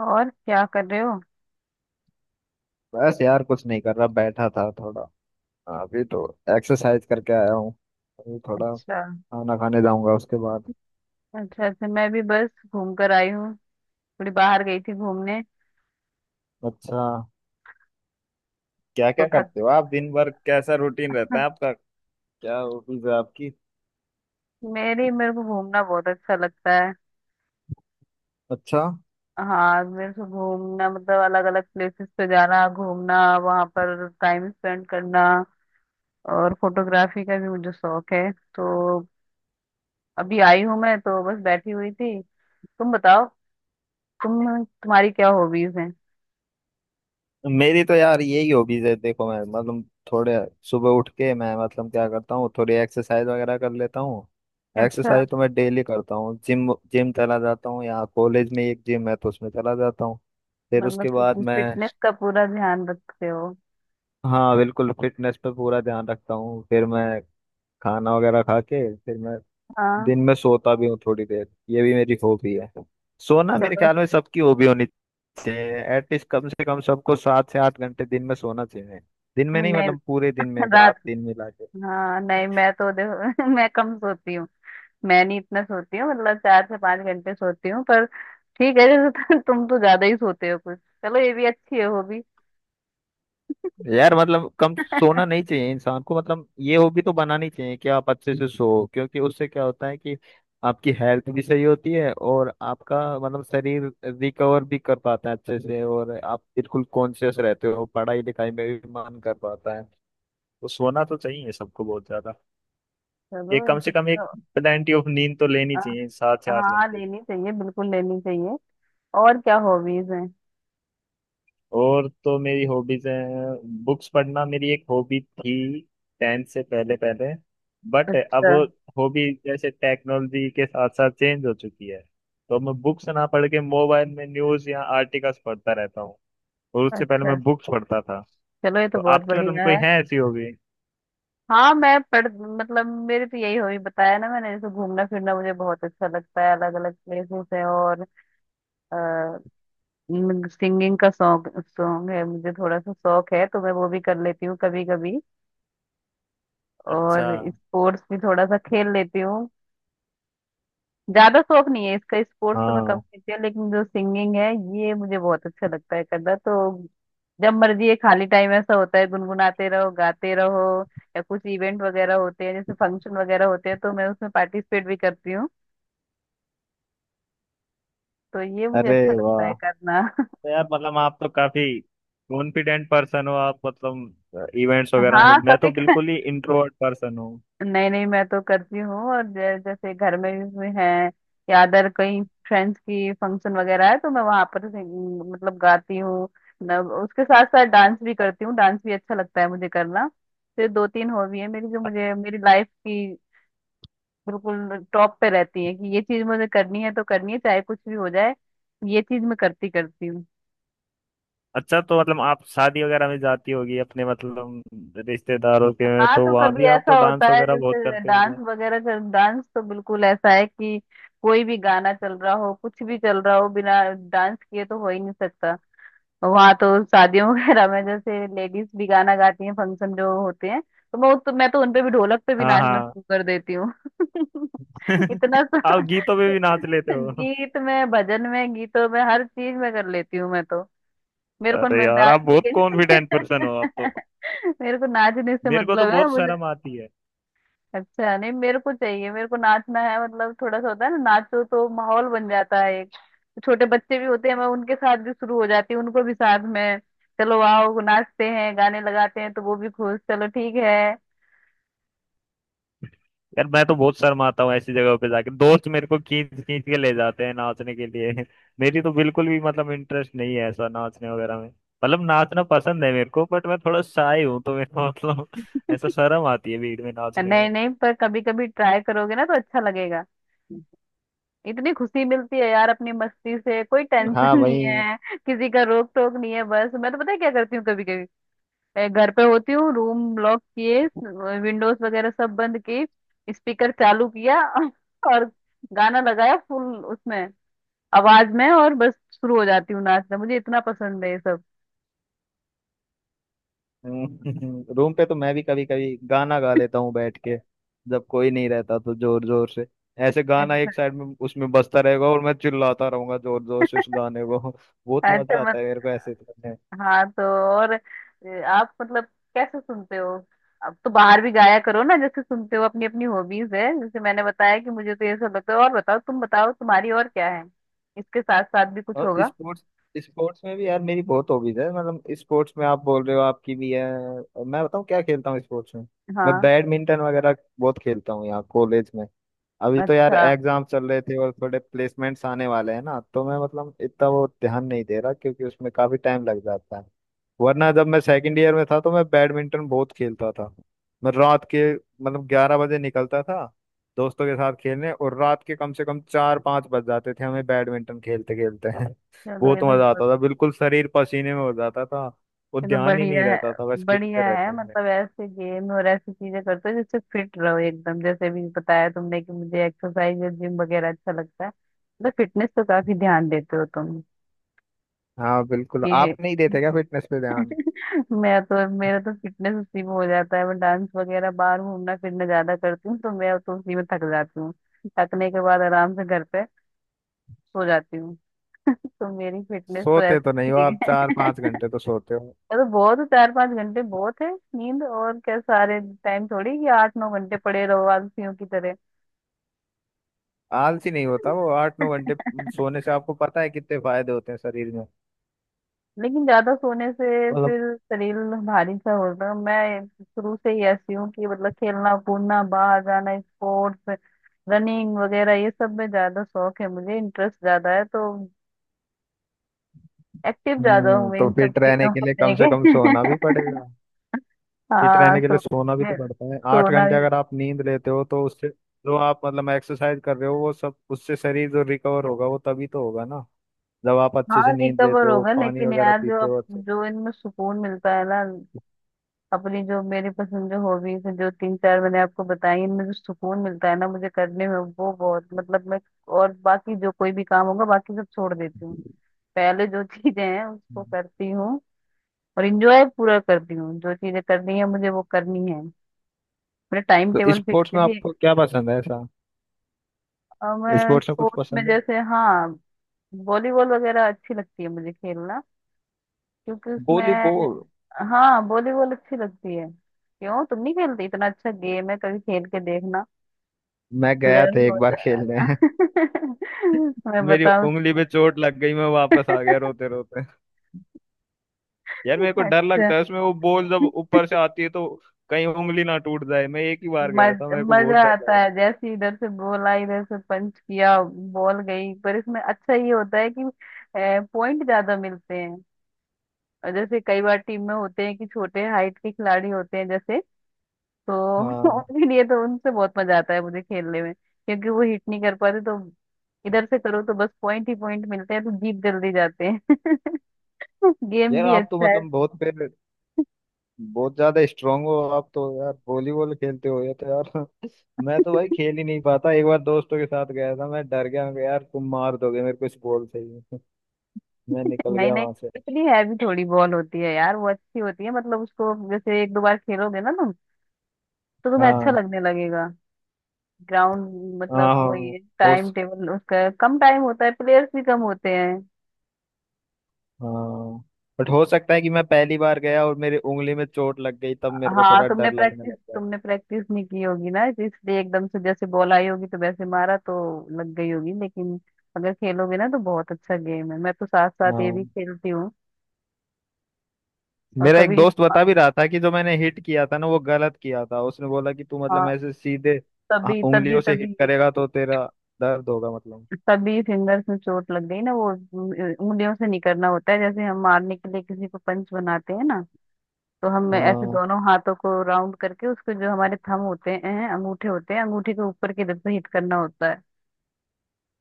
और क्या कर रहे हो। बस यार कुछ नहीं कर रहा, बैठा था थोड़ा। अभी तो एक्सरसाइज करके आया हूँ। अभी थोड़ा अच्छा। खाना खाने जाऊंगा उसके बाद। अच्छा, मैं भी बस घूम कर आई हूँ। थोड़ी बाहर गई थी घूमने। अच्छा। क्या तो क्या थक करते हो आप दिन भर? कैसा रूटीन रहता है आपका? क्या हॉबीज है आपकी? मेरी मेरे को घूमना बहुत अच्छा लगता है। अच्छा। हाँ, मेरे को घूमना मतलब अलग अलग प्लेसेस पे जाना, घूमना, वहां पर टाइम स्पेंड करना। और फोटोग्राफी का भी मुझे शौक है, तो अभी आई हूँ, मैं तो बस बैठी हुई थी। तुम बताओ, तुम्हारी क्या हॉबीज हैं। मेरी तो यार यही हॉबीज है, देखो मैं मतलब थोड़े सुबह उठ के मैं मतलब क्या करता हूँ थोड़ी एक्सरसाइज वगैरह कर लेता हूँ। अच्छा। एक्सरसाइज तो मैं डेली करता हूँ, जिम जिम चला जाता हूँ, यहाँ कॉलेज में एक जिम है तो उसमें चला जाता हूँ। फिर उसके मतलब बाद मैं, फिटनेस का पूरा ध्यान रखते हो। हाँ बिल्कुल फिटनेस पे पूरा ध्यान रखता हूँ, फिर मैं खाना वगैरह खा के फिर मैं हाँ। दिन में सोता भी हूँ थोड़ी देर, ये भी मेरी हॉबी है। सोना मेरे चलो। ख्याल में सबकी हॉबी होनी चाहिए, एटलीस्ट कम से कम सबको 7 से 8 घंटे दिन में सोना चाहिए। दिन में नहीं नहीं, मतलब पूरे दिन में, रात रात। दिन मिला के। हाँ, नहीं मैं तो देखो मैं कम सोती हूँ। मैं नहीं इतना सोती हूँ, मतलब चार से पांच घंटे सोती हूँ, पर ठीक है। जैसे तुम तो ज्यादा ही सोते हो कुछ। चलो, ये भी अच्छी है हॉबी। यार मतलब कम सोना नहीं चाहिए इंसान को, मतलब ये हॉबी तो बनानी चाहिए कि आप अच्छे से सो, क्योंकि उससे क्या होता है कि आपकी हेल्थ भी सही होती है और आपका मतलब शरीर रिकवर भी कर पाता है अच्छे से, और आप बिल्कुल कॉन्शियस रहते हो, पढ़ाई लिखाई में भी मन कर पाता है। तो सोना तो चाहिए सबको बहुत ज्यादा, ये चलो, ये कम से ठीक कम एक है। तो प्लेंटी ऑफ नींद तो लेनी अ, चाहिए, सात से आठ हाँ, घंटे लेनी चाहिए, बिल्कुल लेनी चाहिए। और क्या हॉबीज हैं। और तो मेरी हॉबीज हैं बुक्स पढ़ना, मेरी एक हॉबी थी टेंथ से पहले पहले, बट अब अच्छा। वो हॉबी जैसे टेक्नोलॉजी के साथ साथ चेंज हो चुकी है, तो मैं बुक्स ना पढ़ के मोबाइल में न्यूज या आर्टिकल्स पढ़ता रहता हूँ, और उससे पहले अच्छा, मैं बुक्स पढ़ता था। चलो, ये तो तो बहुत आपकी मतलब बढ़िया कोई है। है ऐसी हॉबी? हाँ मैं पढ़ मतलब मेरे तो यही हॉबी बताया ना मैंने, जैसे घूमना फिरना मुझे बहुत अच्छा लगता है, अलग अलग प्लेसेस है। और सिंगिंग का शौक शौक है मुझे, थोड़ा सा शौक है, तो मैं वो भी कर लेती हूँ कभी कभी। अच्छा। और स्पोर्ट्स भी थोड़ा सा खेल लेती हूँ। ज्यादा शौक नहीं है इसका, स्पोर्ट्स तो मैं कम हाँ। खेलती हूँ, लेकिन जो सिंगिंग है ये मुझे बहुत अच्छा लगता है करना। तो जब मर्जी ये खाली टाइम ऐसा होता है गुनगुनाते रहो, गाते रहो, या कुछ इवेंट वगैरह होते हैं, जैसे फंक्शन वगैरह होते हैं, तो मैं उसमें पार्टिसिपेट भी करती हूँ। तो ये मुझे अरे अच्छा लगता वाह, है करना। तो यार मतलब आप तो काफी कॉन्फिडेंट पर्सन हो आप, मतलब इवेंट्स वगैरह हाँ, में, मैं तो कभी। बिल्कुल ही इंट्रोवर्ट पर्सन हूँ। नहीं नहीं, मैं तो करती हूँ। और जैसे घर में भी है या अदर कहीं फ्रेंड्स की फंक्शन वगैरह है, तो मैं वहां पर मतलब गाती हूँ। उसके साथ साथ डांस भी करती हूँ, डांस भी अच्छा लगता है मुझे करना। तो ये दो तीन हॉबी है मेरी जो मुझे, मेरी लाइफ की बिल्कुल टॉप पे रहती है कि ये चीज मुझे करनी है तो करनी है, चाहे कुछ भी हो जाए ये चीज मैं करती करती हूँ। अच्छा, तो मतलब आप शादी वगैरह में जाती होगी अपने मतलब रिश्तेदारों के में, हाँ, तो तो वहां कभी भी आप ऐसा तो होता डांस है वगैरह बहुत जैसे करते डांस होगे। वगैरह कर डांस तो बिल्कुल ऐसा है कि कोई भी गाना चल रहा हो, कुछ भी चल रहा हो, बिना डांस किए तो हो ही नहीं सकता। वहाँ तो शादियों वगैरह में जैसे लेडीज भी गाना गाती हैं, फंक्शन जो होते हैं, तो मैं तो उनपे भी, ढोलक पे भी हाँ नाचना हाँ। शुरू कर देती हूँ। इतना सा। आप गीतों में भी नाच लेते हो? गीत में, भजन में, गीतों में हर चीज में कर लेती हूँ मैं तो। मेरे को अरे यार आप नाचने बहुत के कॉन्फिडेंट पर्सन हो आप तो, मेरे को नाचने से मेरे को तो मतलब है बहुत मुझे। शर्म आती है। अच्छा नहीं, मेरे को चाहिए, मेरे को नाचना है, मतलब थोड़ा सा होता है ना, नाचो तो माहौल बन जाता है एक। छोटे बच्चे भी होते हैं, मैं उनके साथ भी शुरू हो जाती हूँ, उनको भी साथ में चलो आओ नाचते हैं, गाने लगाते हैं, तो वो भी खुश। चलो ठीक है। यार मैं तो बहुत शर्म आता हूँ ऐसी जगहों पे जाके, दोस्त मेरे को खींच खींच के ले जाते हैं नाचने के लिए। मेरी तो बिल्कुल भी मतलब इंटरेस्ट नहीं है ऐसा नाचने वगैरह में। मतलब नाचना पसंद है मेरे को, बट मैं थोड़ा शाय हूँ तो मेरे को मतलब ऐसा शर्म आती है भीड़ में नाचने नहीं नहीं, पर कभी कभी ट्राई करोगे ना तो अच्छा लगेगा। में। इतनी खुशी मिलती है यार अपनी मस्ती से, कोई टेंशन हाँ नहीं वही। है, किसी का रोक टोक नहीं है। बस मैं तो पता है क्या करती हूँ कभी कभी, मैं घर पे होती हूँ, रूम लॉक किए, विंडोज वगैरह सब बंद किए, स्पीकर चालू किया और गाना लगाया फुल उसमें आवाज में, और बस शुरू हो जाती हूँ नाचना। मुझे इतना पसंद है ये सब। रूम पे तो मैं भी कभी कभी गाना गा लेता हूँ बैठ के, जब कोई नहीं रहता तो जोर जोर से, ऐसे गाना एक साइड में उसमें बजता रहेगा और मैं चिल्लाता रहूंगा जोर जोर से उस गाने को। बहुत अच्छा मजा मत आता है मेरे को ऐसे करने में। हाँ, तो और आप मतलब कैसे सुनते हो? अब तो बाहर भी गाया करो ना, जैसे सुनते हो, अपनी अपनी हॉबीज है। जैसे मैंने बताया कि मुझे तो ये सब लगता है। और बताओ, तुम बताओ तुम्हारी और क्या है, इसके साथ साथ भी कुछ और होगा। स्पोर्ट्स, स्पोर्ट्स में भी यार मेरी बहुत हॉबीज है, मतलब स्पोर्ट्स में आप बोल रहे हो आपकी भी है, और मैं बताऊँ क्या खेलता हूँ स्पोर्ट्स में? मैं हाँ। बैडमिंटन वगैरह बहुत खेलता हूँ यहाँ कॉलेज में। अभी तो यार अच्छा, एग्जाम चल रहे थे और थोड़े प्लेसमेंट्स आने वाले हैं ना, तो मैं मतलब इतना वो ध्यान नहीं दे रहा क्योंकि उसमें काफी टाइम लग जाता है। वरना जब मैं सेकंड ईयर में था तो मैं बैडमिंटन बहुत खेलता था, मैं रात के मतलब 11 बजे निकलता था दोस्तों के साथ खेलने, और रात के कम से कम 4-5 बज जाते थे हमें बैडमिंटन खेलते खेलते। चलो, बहुत मजा आता था, बिल्कुल शरीर पसीने में हो जाता था, वो ये तो ध्यान ही बढ़िया नहीं है। रहता था, बस खेलते बढ़िया है, रहते थे। मतलब ऐसे गेम और ऐसी चीजें करते हो जिससे फिट रहो एकदम। जैसे भी बताया तुमने कि मुझे एक्सरसाइज और जिम वगैरह अच्छा लगता है, तो फिटनेस तो काफी ध्यान देते हो तुम। हाँ बिल्कुल, ये आप नहीं देते क्या फिटनेस पे ध्यान? मैं तो, मेरा तो फिटनेस उसी में हो जाता है, मैं डांस वगैरह, बाहर घूमना फिरना ज्यादा करती हूँ, तो मैं तो उसी में थक जाती हूँ। थकने के बाद आराम से घर पे सो जाती हूँ। तो मेरी फिटनेस तो सोते तो ऐसे नहीं हो ठीक आप, चार है। पांच घंटे तो सोते हो? अरे बहुत है, चार पांच घंटे बहुत है नींद। और क्या सारे टाइम थोड़ी कि आठ नौ घंटे पड़े रहो आलसियों की तरह। आलसी नहीं होता वो 8-9 घंटे सोने से, आपको पता है कितने फायदे होते हैं शरीर में? लेकिन ज्यादा सोने से मतलब, फिर शरीर भारी सा होता है। मैं शुरू से ही ऐसी हूँ कि मतलब खेलना कूदना, बाहर जाना, स्पोर्ट्स, रनिंग वगैरह ये सब में ज्यादा शौक है मुझे, इंटरेस्ट ज्यादा है, तो एक्टिव ज्यादा हूँ मैं तो इन सब फिट रहने चीजों के को लिए कम से कम लेके। सोना भी पड़ेगा। फिट हाँ, रहने के तो लिए सोना भी तो मुझे पड़ता है, आठ सोना। घंटे अगर आप नींद लेते हो तो उससे जो आप मतलब एक्सरसाइज कर रहे हो वो सब, उससे शरीर जो रिकवर होगा वो तभी तो होगा ना, जब आप अच्छे हाँ, से नींद लेते रिकवर हो होगा, पानी लेकिन वगैरह यार पीते हो अच्छे से। जो इनमें सुकून मिलता है ना, अपनी जो मेरी पसंद, जो हॉबीज है, जो तीन चार मैंने आपको बताई, इनमें जो सुकून मिलता है ना मुझे करने में, वो बहुत, मतलब मैं और बाकी जो कोई भी काम होगा, बाकी सब छोड़ देती हूँ, पहले जो चीजें हैं उसको हम्म। करती हूँ। और इंजॉय पूरा करती हूँ। जो चीजें करनी है मुझे वो करनी है, मेरा टाइम तो टेबल फिक्स स्पोर्ट्स है में भी। आपको क्या पसंद है ऐसा, और मैं स्पोर्ट्स में कुछ स्पोर्ट्स में, पसंद है? जैसे हाँ, वॉलीबॉल वगैरह अच्छी लगती है मुझे खेलना, क्योंकि उसमें। वॉलीबॉल? हाँ, वॉलीबॉल अच्छी लगती है, क्यों तुम नहीं खेलती? इतना अच्छा गेम है, कभी खेल के देखना, मैं गया प्लेयर्स था एक होते बार खेलने, हैं। मैं मेरी बताऊँ। उंगली पे चोट लग गई, मैं वापस आ गया रोते रोते। यार मेरे को डर अच्छा, लगता है उसमें, वो बॉल जब ऊपर से आती है तो कहीं उंगली ना टूट जाए। मैं एक ही बार गया था, मेरे को बहुत मजा डर आता लगा। है जैसे ही इधर से बोला, इधर से पंच किया, बॉल गई। पर इसमें अच्छा ये होता है कि पॉइंट ज्यादा मिलते हैं, और जैसे कई बार टीम में होते हैं कि छोटे हाइट के खिलाड़ी होते हैं जैसे, तो हाँ, उनके लिए तो, उनसे बहुत मजा आता है मुझे खेलने में क्योंकि वो हिट नहीं कर पाते, तो इधर से करो तो बस पॉइंट ही पॉइंट मिलते हैं, तो जीत जल्दी जाते हैं। गेम यार भी आप तो अच्छा है। मतलब बहुत ज्यादा स्ट्रांग हो आप तो, यार वॉलीबॉल खेलते हो ये तो, यार मैं तो भाई खेल ही नहीं पाता। एक बार दोस्तों के साथ गया था, मैं डर गया, मैं कहा, यार तुम मार दोगे मेरे को इस बॉल से ही। मैं निकल नहीं गया नहीं, वहां से। इतनी हैवी थोड़ी बॉल होती है यार, वो अच्छी होती है, मतलब उसको जैसे एक दो बार खेलोगे ना तुम, तो तुम्हें अच्छा हाँ लगने लगेगा। ग्राउंड हाँ। मतलब, हाँ, हाँ। वही टाइम बहुत। टेबल उसका कम टाइम होता है, प्लेयर्स भी कम होते हैं। हाँ बट हो सकता है कि मैं पहली बार गया और मेरी उंगली में चोट लग गई, तब मेरे को हाँ, थोड़ा डर लगने लग गया। तुमने प्रैक्टिस नहीं की होगी ना, तो इसलिए एकदम से जैसे बॉल आई होगी तो वैसे मारा, तो लग गई होगी। लेकिन अगर खेलोगे ना तो बहुत अच्छा गेम है, मैं तो साथ साथ ये भी हाँ, खेलती हूँ। और मेरा एक कभी दोस्त बता भी रहा था कि जो मैंने हिट किया था ना वो गलत किया था, उसने बोला कि तू मतलब हाँ, ऐसे सीधे, हाँ, तभी तभी उंगलियों से हिट तभी करेगा तो तेरा दर्द होगा मतलब। तभी फिंगर्स में चोट लग गई ना, वो उंगलियों से नहीं करना होता है। जैसे हम मारने के लिए किसी को पंच बनाते हैं ना, तो हम ऐसे हाँ, दोनों हाथों को राउंड करके, उसके जो हमारे थंब होते हैं, अंगूठे होते हैं, अंगूठे के ऊपर की तरफ से हिट करना होता है।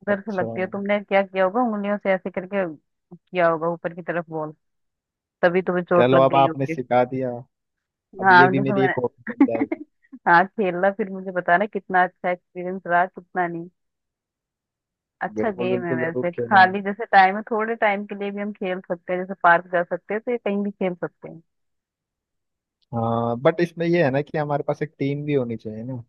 उधर से अच्छा, लगती है, तुमने क्या किया होगा, उंगलियों से ऐसे करके किया होगा ऊपर की तरफ बॉल, तभी तुम्हें चोट चलो लग अब गई आपने होगी। सिखा दिया, अब ये हाँ भी देखो, मेरी मैंने एक हॉबी बन जाएगी। हाँ, खेलना फिर मुझे बताना कितना अच्छा एक्सपीरियंस रहा कितना नहीं। अच्छा बिल्कुल गेम है बिल्कुल, जरूर वैसे, खेलूंगा। खाली जैसे टाइम है, थोड़े टाइम के लिए भी हम खेल सकते हैं, जैसे पार्क जा सकते हैं तो ये कहीं भी खेल सकते हैं। हाँ बट इसमें ये है ना कि हमारे पास एक टीम भी होनी चाहिए ना?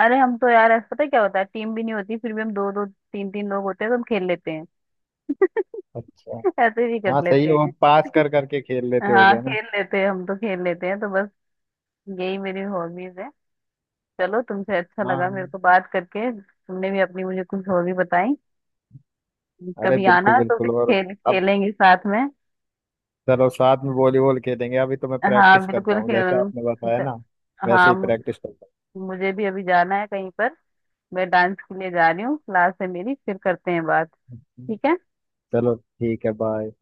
अरे हम तो यार ऐसा पता है क्या होता है, टीम भी नहीं होती, फिर भी हम दो दो तीन तीन लोग होते हैं तो हम खेल लेते हैं। अच्छा। ऐसे भी हाँ कर सही लेते है, वो हैं। पास कर करके खेल लेते हो हाँ, गया ना। खेल लेते हैं, हम तो खेल लेते हैं। तो बस यही मेरी हॉबीज है। चलो, तुमसे अच्छा लगा मेरे हाँ। को बात करके, तुमने भी अपनी मुझे कुछ हॉबी बताई। अरे कभी बिल्कुल आना तो फिर बिल्कुल, और खेल अब खेलेंगे साथ में। चलो साथ में वॉलीबॉल खेलेंगे। अभी तो मैं हाँ, प्रैक्टिस करता बिल्कुल हूँ जैसे खेल। आपने बताया ना, वैसे हाँ, ही प्रैक्टिस करता मुझे भी अभी जाना है कहीं पर, मैं डांस के लिए जा रही हूँ, क्लास है मेरी। फिर करते हैं बात। हूँ। ठीक है। चलो ठीक है, बाय।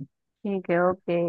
ठीक है, ओके।